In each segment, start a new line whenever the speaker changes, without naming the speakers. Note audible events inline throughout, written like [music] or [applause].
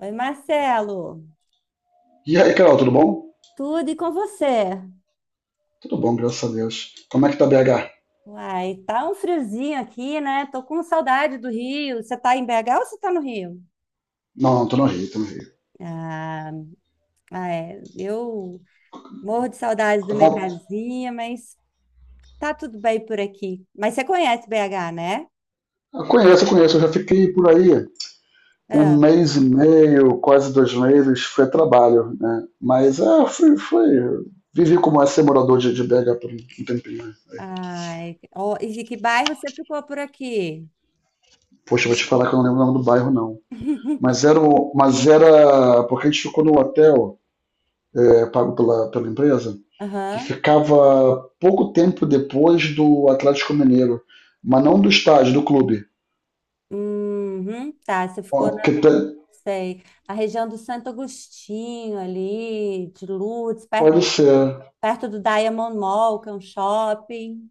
Oi, Marcelo,
E aí, Carol, tudo bom?
tudo e com você?
Tudo bom, graças a Deus. Como é que tá BH?
Uai, tá um friozinho aqui, né? Tô com saudade do Rio. Você tá em BH ou você tá no Rio?
Não, não, tô no Rio, tô no Rio.
Ah, é. Eu morro de saudades da
Tá
minha
bom.
casinha, mas tá tudo bem por aqui. Mas você conhece BH, né?
Eu conheço, eu conheço. Eu já fiquei por aí um
Ah,
mês e meio, quase 2 meses. Foi trabalho, né? Mas é, foi, foi. Vivi como é ser morador de BH por um tempinho, né?
ai, ó, e que bairro você ficou por aqui?
Poxa, vou te falar que eu não lembro o nome do bairro, não. Mas
[laughs]
era, o- mas era porque a gente ficou no hotel, pago pela empresa, que
Aham.
ficava pouco tempo depois do Atlético Mineiro, mas não do estádio, do clube.
Uhum, tá,
Ó,
sei, a região do Santo Agostinho ali, de Lourdes,
pode ser.
perto do Diamond Mall, que é um shopping.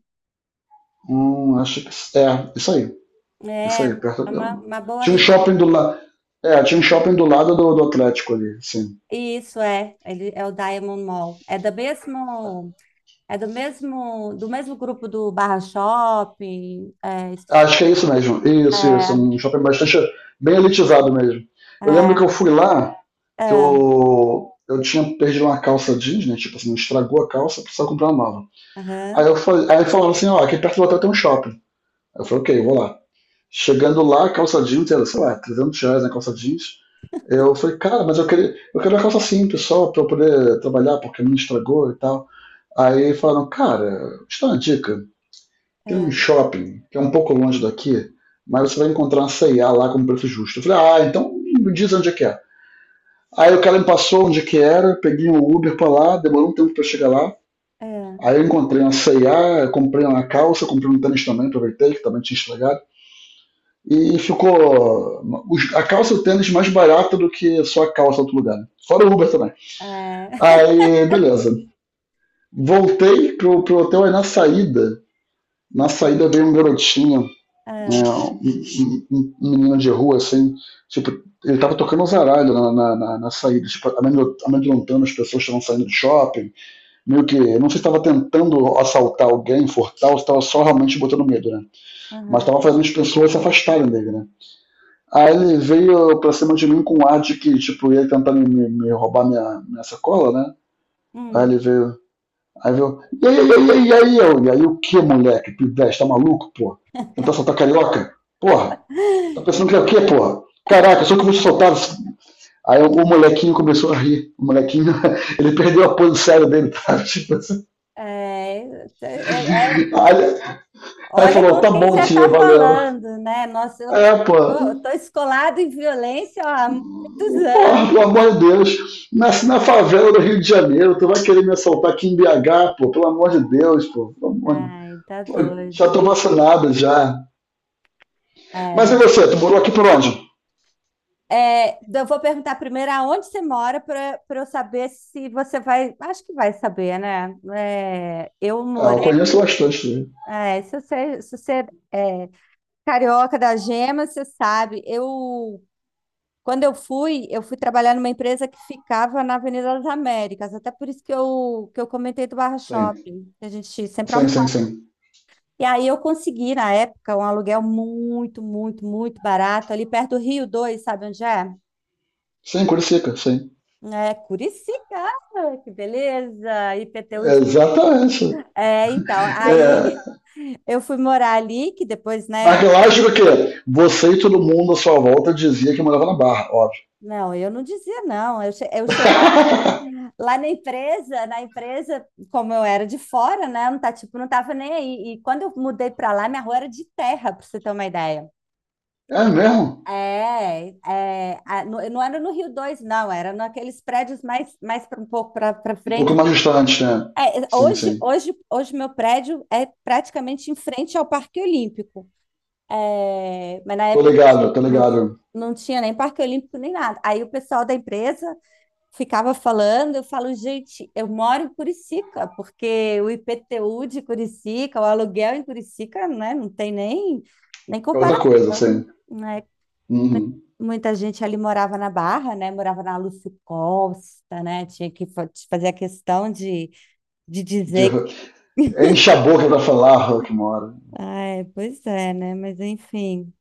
Acho que é isso aí. Isso
É,
aí,
é uma boa
tinha um shopping do
região.
lado. É, tinha um shopping do lado do Atlético ali, sim.
Isso é, ele é o Diamond Mall. É do mesmo grupo do Barra Shopping. É, esqueci-
Acho que é isso mesmo. Isso, isso.
é,
Um shopping bastante bem elitizado mesmo. Eu lembro que eu
é,
fui lá, que
é,
eu tinha perdido uma calça jeans, né? Tipo assim, estragou a calça, precisava comprar uma nova. Aí
aham,
eu falei, aí falaram assim, ó, aqui perto do hotel tem um shopping. Aí eu falei, ok, eu vou lá. Chegando lá, a calça jeans era, sei lá, 300 reais na calça jeans. Eu falei, cara, mas eu queria, eu quero uma calça simples só pra eu poder trabalhar, porque a minha estragou e tal. Aí falaram, cara, te dá uma dica. Tem um
é,
shopping que é um pouco longe daqui, mas você vai encontrar uma C&A lá com preço justo. Eu falei, ah, então me diz onde é que é. Aí o cara me passou onde que era, peguei um Uber pra lá, demorou um tempo pra eu chegar lá.
é,
Aí eu encontrei uma C&A, comprei uma calça, comprei um tênis também, aproveitei, que também tinha estragado. E ficou a calça e o tênis mais barato do que só a calça em outro lugar, né? Fora o Uber também.
é, [laughs]
Aí, beleza. Voltei pro hotel, aí na saída veio um garotinho, né,
é,
um menino de rua, assim, tipo, ele tava tocando os aralhos na saída, tipo, amedrontando as pessoas que estavam saindo do shopping, meio que, eu não sei se tava tentando assaltar alguém, furtar, ou se tava só realmente botando medo, né, mas
aham,
tava fazendo as pessoas se afastarem dele, né. Aí ele veio pra cima de mim com um ar de que, tipo, ia tentar me roubar minha sacola, né, aí
hum.
ele veio. E aí, e aí, e aí, e aí, e aí, o que, moleque, pivete, tá maluco, pô? Tentar soltar carioca? Porra, tá pensando que é o quê, porra? Caraca, só que você soltava. Aí o molequinho começou a rir. O molequinho, [laughs] ele perdeu a pose séria dele, tá? [laughs] Tipo assim.
É, é, é.
Aí, aí
Olha
falou,
com
tá
quem você
bom, tia,
está
valeu.
falando, né? Nossa,
É, pô,
tô escolado em violência ó, há muitos
porra,
anos.
pelo amor de Deus, nasci na favela do Rio de Janeiro, tu vai querer me assaltar aqui em BH, pô, pelo amor de Deus, pô, pelo amor de...
Ai, tá
já
doido.
tô vacinado já. Mas e
É,
você, tu morou aqui por onde?
é, eu vou perguntar primeiro aonde você mora para eu saber se você vai. Acho que vai saber, né? É, eu
Ah, eu
morei.
conheço bastante, sim.
Se você se você, é carioca da Gema, você sabe. Eu Quando eu fui trabalhar numa empresa que ficava na Avenida das Américas, até por isso que eu comentei do Barra
Sim,
Shopping, que a gente sempre
sim, sim.
almoçava.
Sim,
E aí eu consegui, na época, um aluguel muito, muito, muito barato, ali perto do Rio 2, sabe onde é?
sim, Curicica, sim.
É Curicica, que beleza, IPTU.
É,
De...
exatamente.
É, então, aí
É,
[laughs] eu fui morar ali, que depois,
mas
né?
eu acho que o quê? Você e todo mundo à sua volta dizia que morava na Barra, óbvio.
Não, eu não dizia não, eu cheguei
[laughs]
na empresa, como eu era de fora, né? Não tá, tipo, não tava nem aí. E quando eu mudei pra lá, minha rua era de terra, pra você ter uma ideia.
É mesmo?
É, é, a- no- não era no Rio dois, não, era naqueles prédios mais, um pouco para
Um pouco
frente.
mais distante, né?
É,
Sim, sim.
hoje meu prédio é praticamente em frente ao Parque Olímpico. É, mas na
Tô
época não,
ligado, tô
não,
ligado.
não tinha nem Parque Olímpico nem nada. Aí o pessoal da empresa ficava falando, eu falo, gente, eu moro em Curicica, porque o IPTU de Curicica, o aluguel em Curicica, né, não tem nem, nem
É outra coisa, sim.
comparação, né?
Uhum.
Muita gente ali morava na Barra, né? Morava na Lúcio Costa, né? Tinha que fa- fazer de dizer que...
De- É, enche a boca pra falar, Rock mora.
Ai, pois é, né? Mas enfim.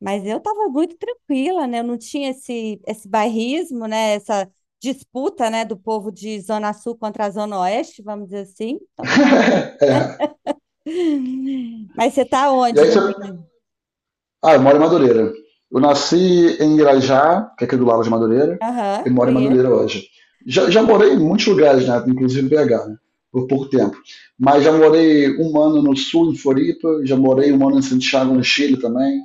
Mas eu tava muito tranquila, né? Eu não tinha esse bairrismo, né? Essa disputa, né? Do povo de Zona Sul contra a Zona Oeste, vamos dizer assim. Então,
[laughs] É.
[laughs] mas você tá
E
onde
aí
no
você
Rio?
Ah, eu moro em Madureira. Eu nasci em Irajá, que é aqui do lado de Madureira, e
Aham,
moro em
conheço.
Madureira hoje. Já morei em muitos lugares, né? Inclusive em BH, né? Por pouco tempo. Mas já morei um ano no sul, em Floripa, já morei um ano em Santiago, no Chile também.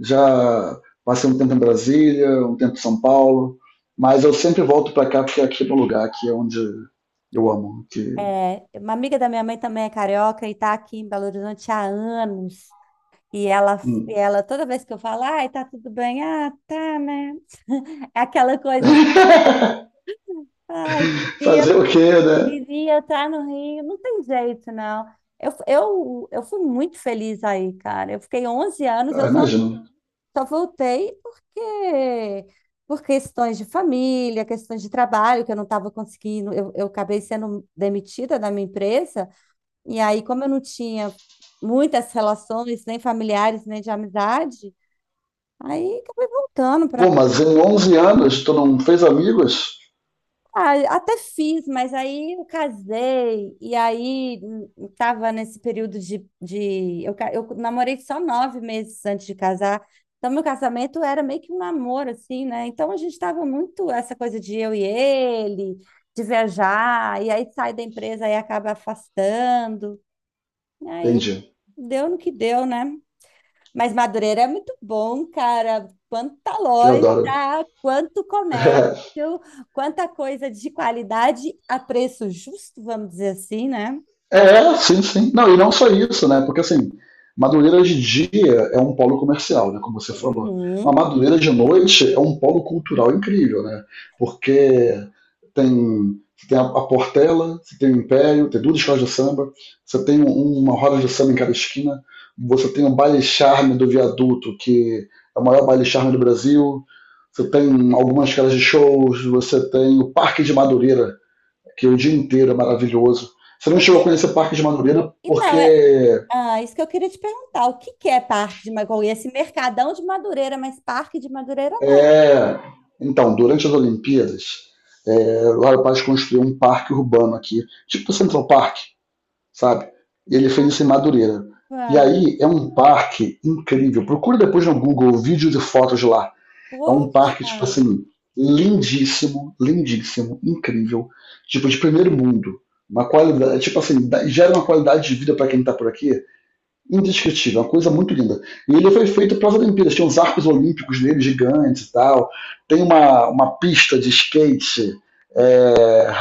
Já passei um tempo em Brasília, um tempo em São Paulo. Mas eu sempre volto pra cá porque aqui é meu lugar, aqui é onde eu amo. Que...
É, uma amiga da minha mãe também é carioca e tá aqui em Belo Horizonte há anos. E ela,
Hum.
ela toda vez que eu falo, ai, tá tudo bem? Ah, tá, né? É aquela coisa, assim, ai, queria,
Fazer o quê, né?
queria estar no Rio. Não tem jeito, não. Eu fui muito feliz aí, cara. Eu fiquei 11 anos,
Ah,
eu só
imagino.
só voltei porque por questões de família, questões de trabalho, que eu não estava conseguindo, eu acabei sendo demitida da minha empresa, e aí, como eu não tinha muitas relações, nem familiares, nem de amizade, aí acabei voltando para...
Pô, mas em 11 anos tu não fez amigos?
Ah, até fiz, mas aí eu casei, e aí tava nesse período de eu namorei só 9 meses antes de casar, então meu casamento era meio que um namoro, assim, né? Então a gente tava muito essa coisa de eu e ele, de viajar, e aí sai da empresa e acaba afastando, e aí
Entendi.
deu no que deu, né? Mas Madureira é muito bom, cara. Quanta
Que eu
loja,
adoro.
quanto comércio,
[laughs]
quanta coisa de qualidade a preço justo, vamos dizer assim, né?
É, sim, sim. Não, e não só isso, né? Porque assim, Madureira de dia é um polo comercial, né? Como você falou. A
Uhum.
Madureira de noite é um polo cultural incrível, né? Porque você tem a Portela, você tem o Império, tem duas escolas de samba, você tem uma roda de samba em cada esquina, você tem o baile charme do viaduto, que é o maior baile charme do Brasil, você tem algumas casas de shows, você tem o Parque de Madureira, que o dia inteiro é maravilhoso. Você não
O
chegou a
que
conhecer o Parque de Madureira porque
então é ah, isso que eu queria te perguntar. O que que é Parque de Madureira? Esse mercadão de Madureira, mas Parque de Madureira não.
é. Então, durante as Olimpíadas, o Lauro Paz construiu um parque urbano aqui, tipo o Central Park, sabe? E ele fez isso em Madureira. E
Ah,
aí é um parque incrível. Procura depois no Google vídeos e fotos de lá. É um parque, tipo
poxa.
assim, lindíssimo, lindíssimo, incrível. Tipo, de primeiro mundo. Uma qualidade, tipo assim, gera uma qualidade de vida para quem tá por aqui indescritível, uma coisa muito linda. E ele foi feito para as Olimpíadas, tem uns arcos olímpicos nele gigantes e tal, tem uma pista de skate, é,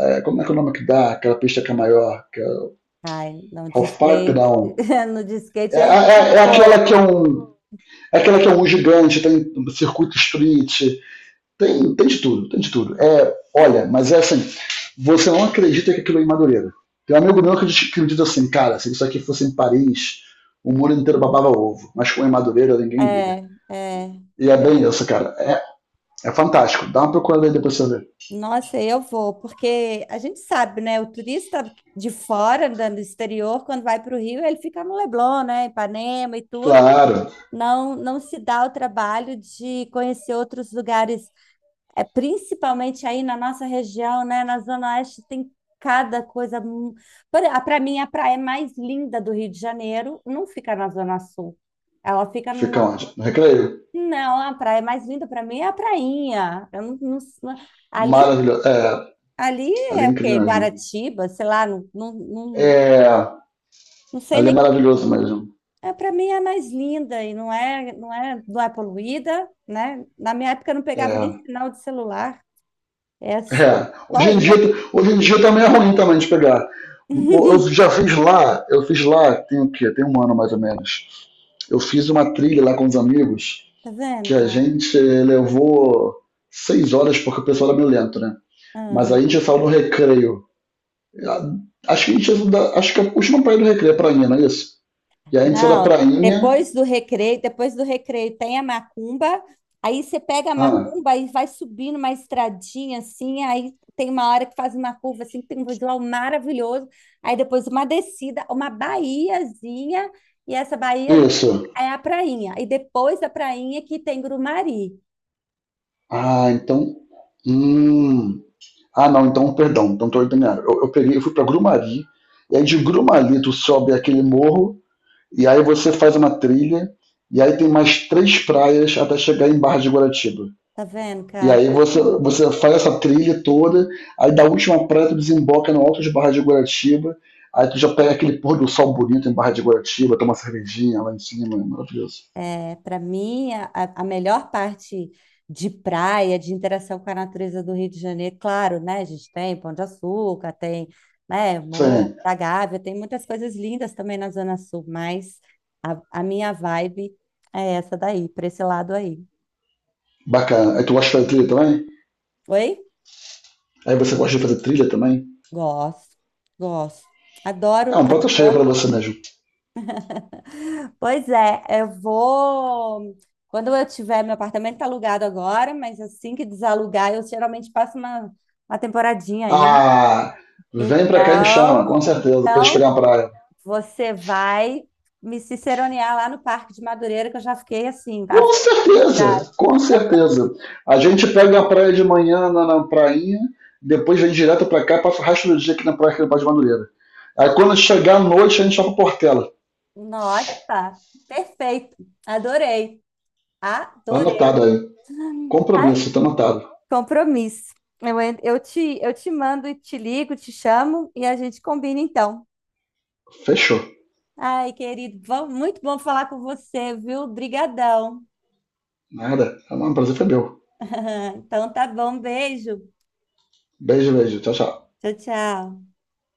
como é que é o nome que dá, aquela pista que é maior, que é
Ai, não de
Halfpipe,
skate,
não.
[laughs] no de
É,
skate eu
é-
entendo
é aquela
pouco.
que é um É aquela que é um gigante, tem um circuito street. Tem de tudo, tem de tudo. É, olha, mas
Cara,
é assim, você não acredita que aquilo é em Madureira. Tem um amigo meu que diz assim, cara, se isso aqui fosse em Paris, o mundo inteiro babava ovo, mas com em Madureira ninguém liga.
é, é.
E é bem
É.
isso, cara. É fantástico. Dá uma procurada aí depois pra você ver.
Nossa, eu vou, porque a gente sabe, né? O turista de fora, da- do exterior, quando vai para o Rio, ele fica no Leblon, né? Ipanema e tudo.
Claro.
Não, não se dá o trabalho de conhecer outros lugares, é, principalmente aí na nossa região, né? Na Zona Oeste tem cada coisa. Para mim, a praia mais linda do Rio de Janeiro não fica na Zona Sul. Ela fica no...
Fica onde? No Recreio?
Não, a praia mais linda para mim é a prainha. Eu não, não- não- ali
Maravilhoso. É,
ali
ali
é
é
o quê?
incrível mesmo.
Guaratiba, sei lá, não, não, não,
É,
não sei
ali é
nem.
maravilhoso mesmo.
É, para mim é mais linda e não é, não é poluída, né? Na minha época eu não pegava nem
É,
sinal de celular. É só, eu
É,
só
hoje em dia,
ia.
hoje em dia também é ruim também de pegar. Eu
[laughs]
já fiz lá, eu fiz lá, tem o quê? Tem um ano mais ou menos. Eu fiz uma trilha lá com os amigos
Tá vendo,
que a
cara?
gente levou 6 horas porque o pessoal era meio lento, né? Mas
Ah.
aí a gente saiu no recreio. Ah, acho que a última praia do recreio é prainha, não é isso? E aí a gente saiu da
Não,
prainha.
depois do recreio tem a macumba, aí você pega a
Ah,
macumba e vai subindo uma estradinha assim, aí tem uma hora que faz uma curva assim, que tem um visual maravilhoso, aí depois uma descida, uma baiazinha, e essa baía
isso.
é a prainha, e depois da prainha que tem Grumari,
Ah, então. Hum. Ah, não, então, perdão, então estou ordenado. Eu peguei, eu fui para Grumari, e aí de Grumari tu sobe aquele morro, e aí você faz uma trilha, e aí tem mais três praias até chegar em Barra de Guaratiba.
tá vendo,
E
cara?
aí você faz essa trilha toda, aí da última praia tu desemboca no alto de Barra de Guaratiba, aí tu já pega aquele pôr do sol bonito em Barra de Guaratiba, toma uma cervejinha lá em cima, é maravilhoso.
É, para mim, a melhor parte de praia, de interação com a natureza do Rio de Janeiro, claro, né? A gente tem Pão de Açúcar, tem, né,
Isso
Morro
aí,
da Gávea, tem muitas coisas lindas também na Zona Sul, mas a minha vibe é essa daí, para esse lado aí.
bacana. Aí tu gosta de fazer trilha também?
Oi?
Aí você gosta de fazer trilha também?
Gosto, gosto.
É
Adoro,
um prato cheio pra
adoro.
você mesmo.
Pois é, eu vou. Quando eu tiver, meu apartamento está alugado agora, mas assim que desalugar, eu geralmente passo uma temporadinha aí.
Ah, vem pra cá e me chama, com
Então,
certeza, pra gente pegar
então
uma praia.
você vai me ciceronear lá no Parque de Madureira, que eu já fiquei assim, a
Com
felicidade.
certeza, com certeza. A gente pega a praia de manhã na prainha, depois vem direto pra cá e passa o resto do dia aqui na praia aqui no Bar de Madureira. Aí quando chegar à noite, a gente vai pra Portela.
Nossa, perfeito. Adorei.
Tá
Adorei.
anotado aí.
Ah,
Compromisso, tá anotado.
compromisso. Eu te mando e te ligo, te chamo e a gente combina então.
Fechou.
Ai, querido, bom- muito bom falar com você, viu? Brigadão.
Nada. O prazer foi meu.
[laughs] Então tá bom, beijo.
Beijo, beijo. Tchau, tchau.
Tchau, tchau.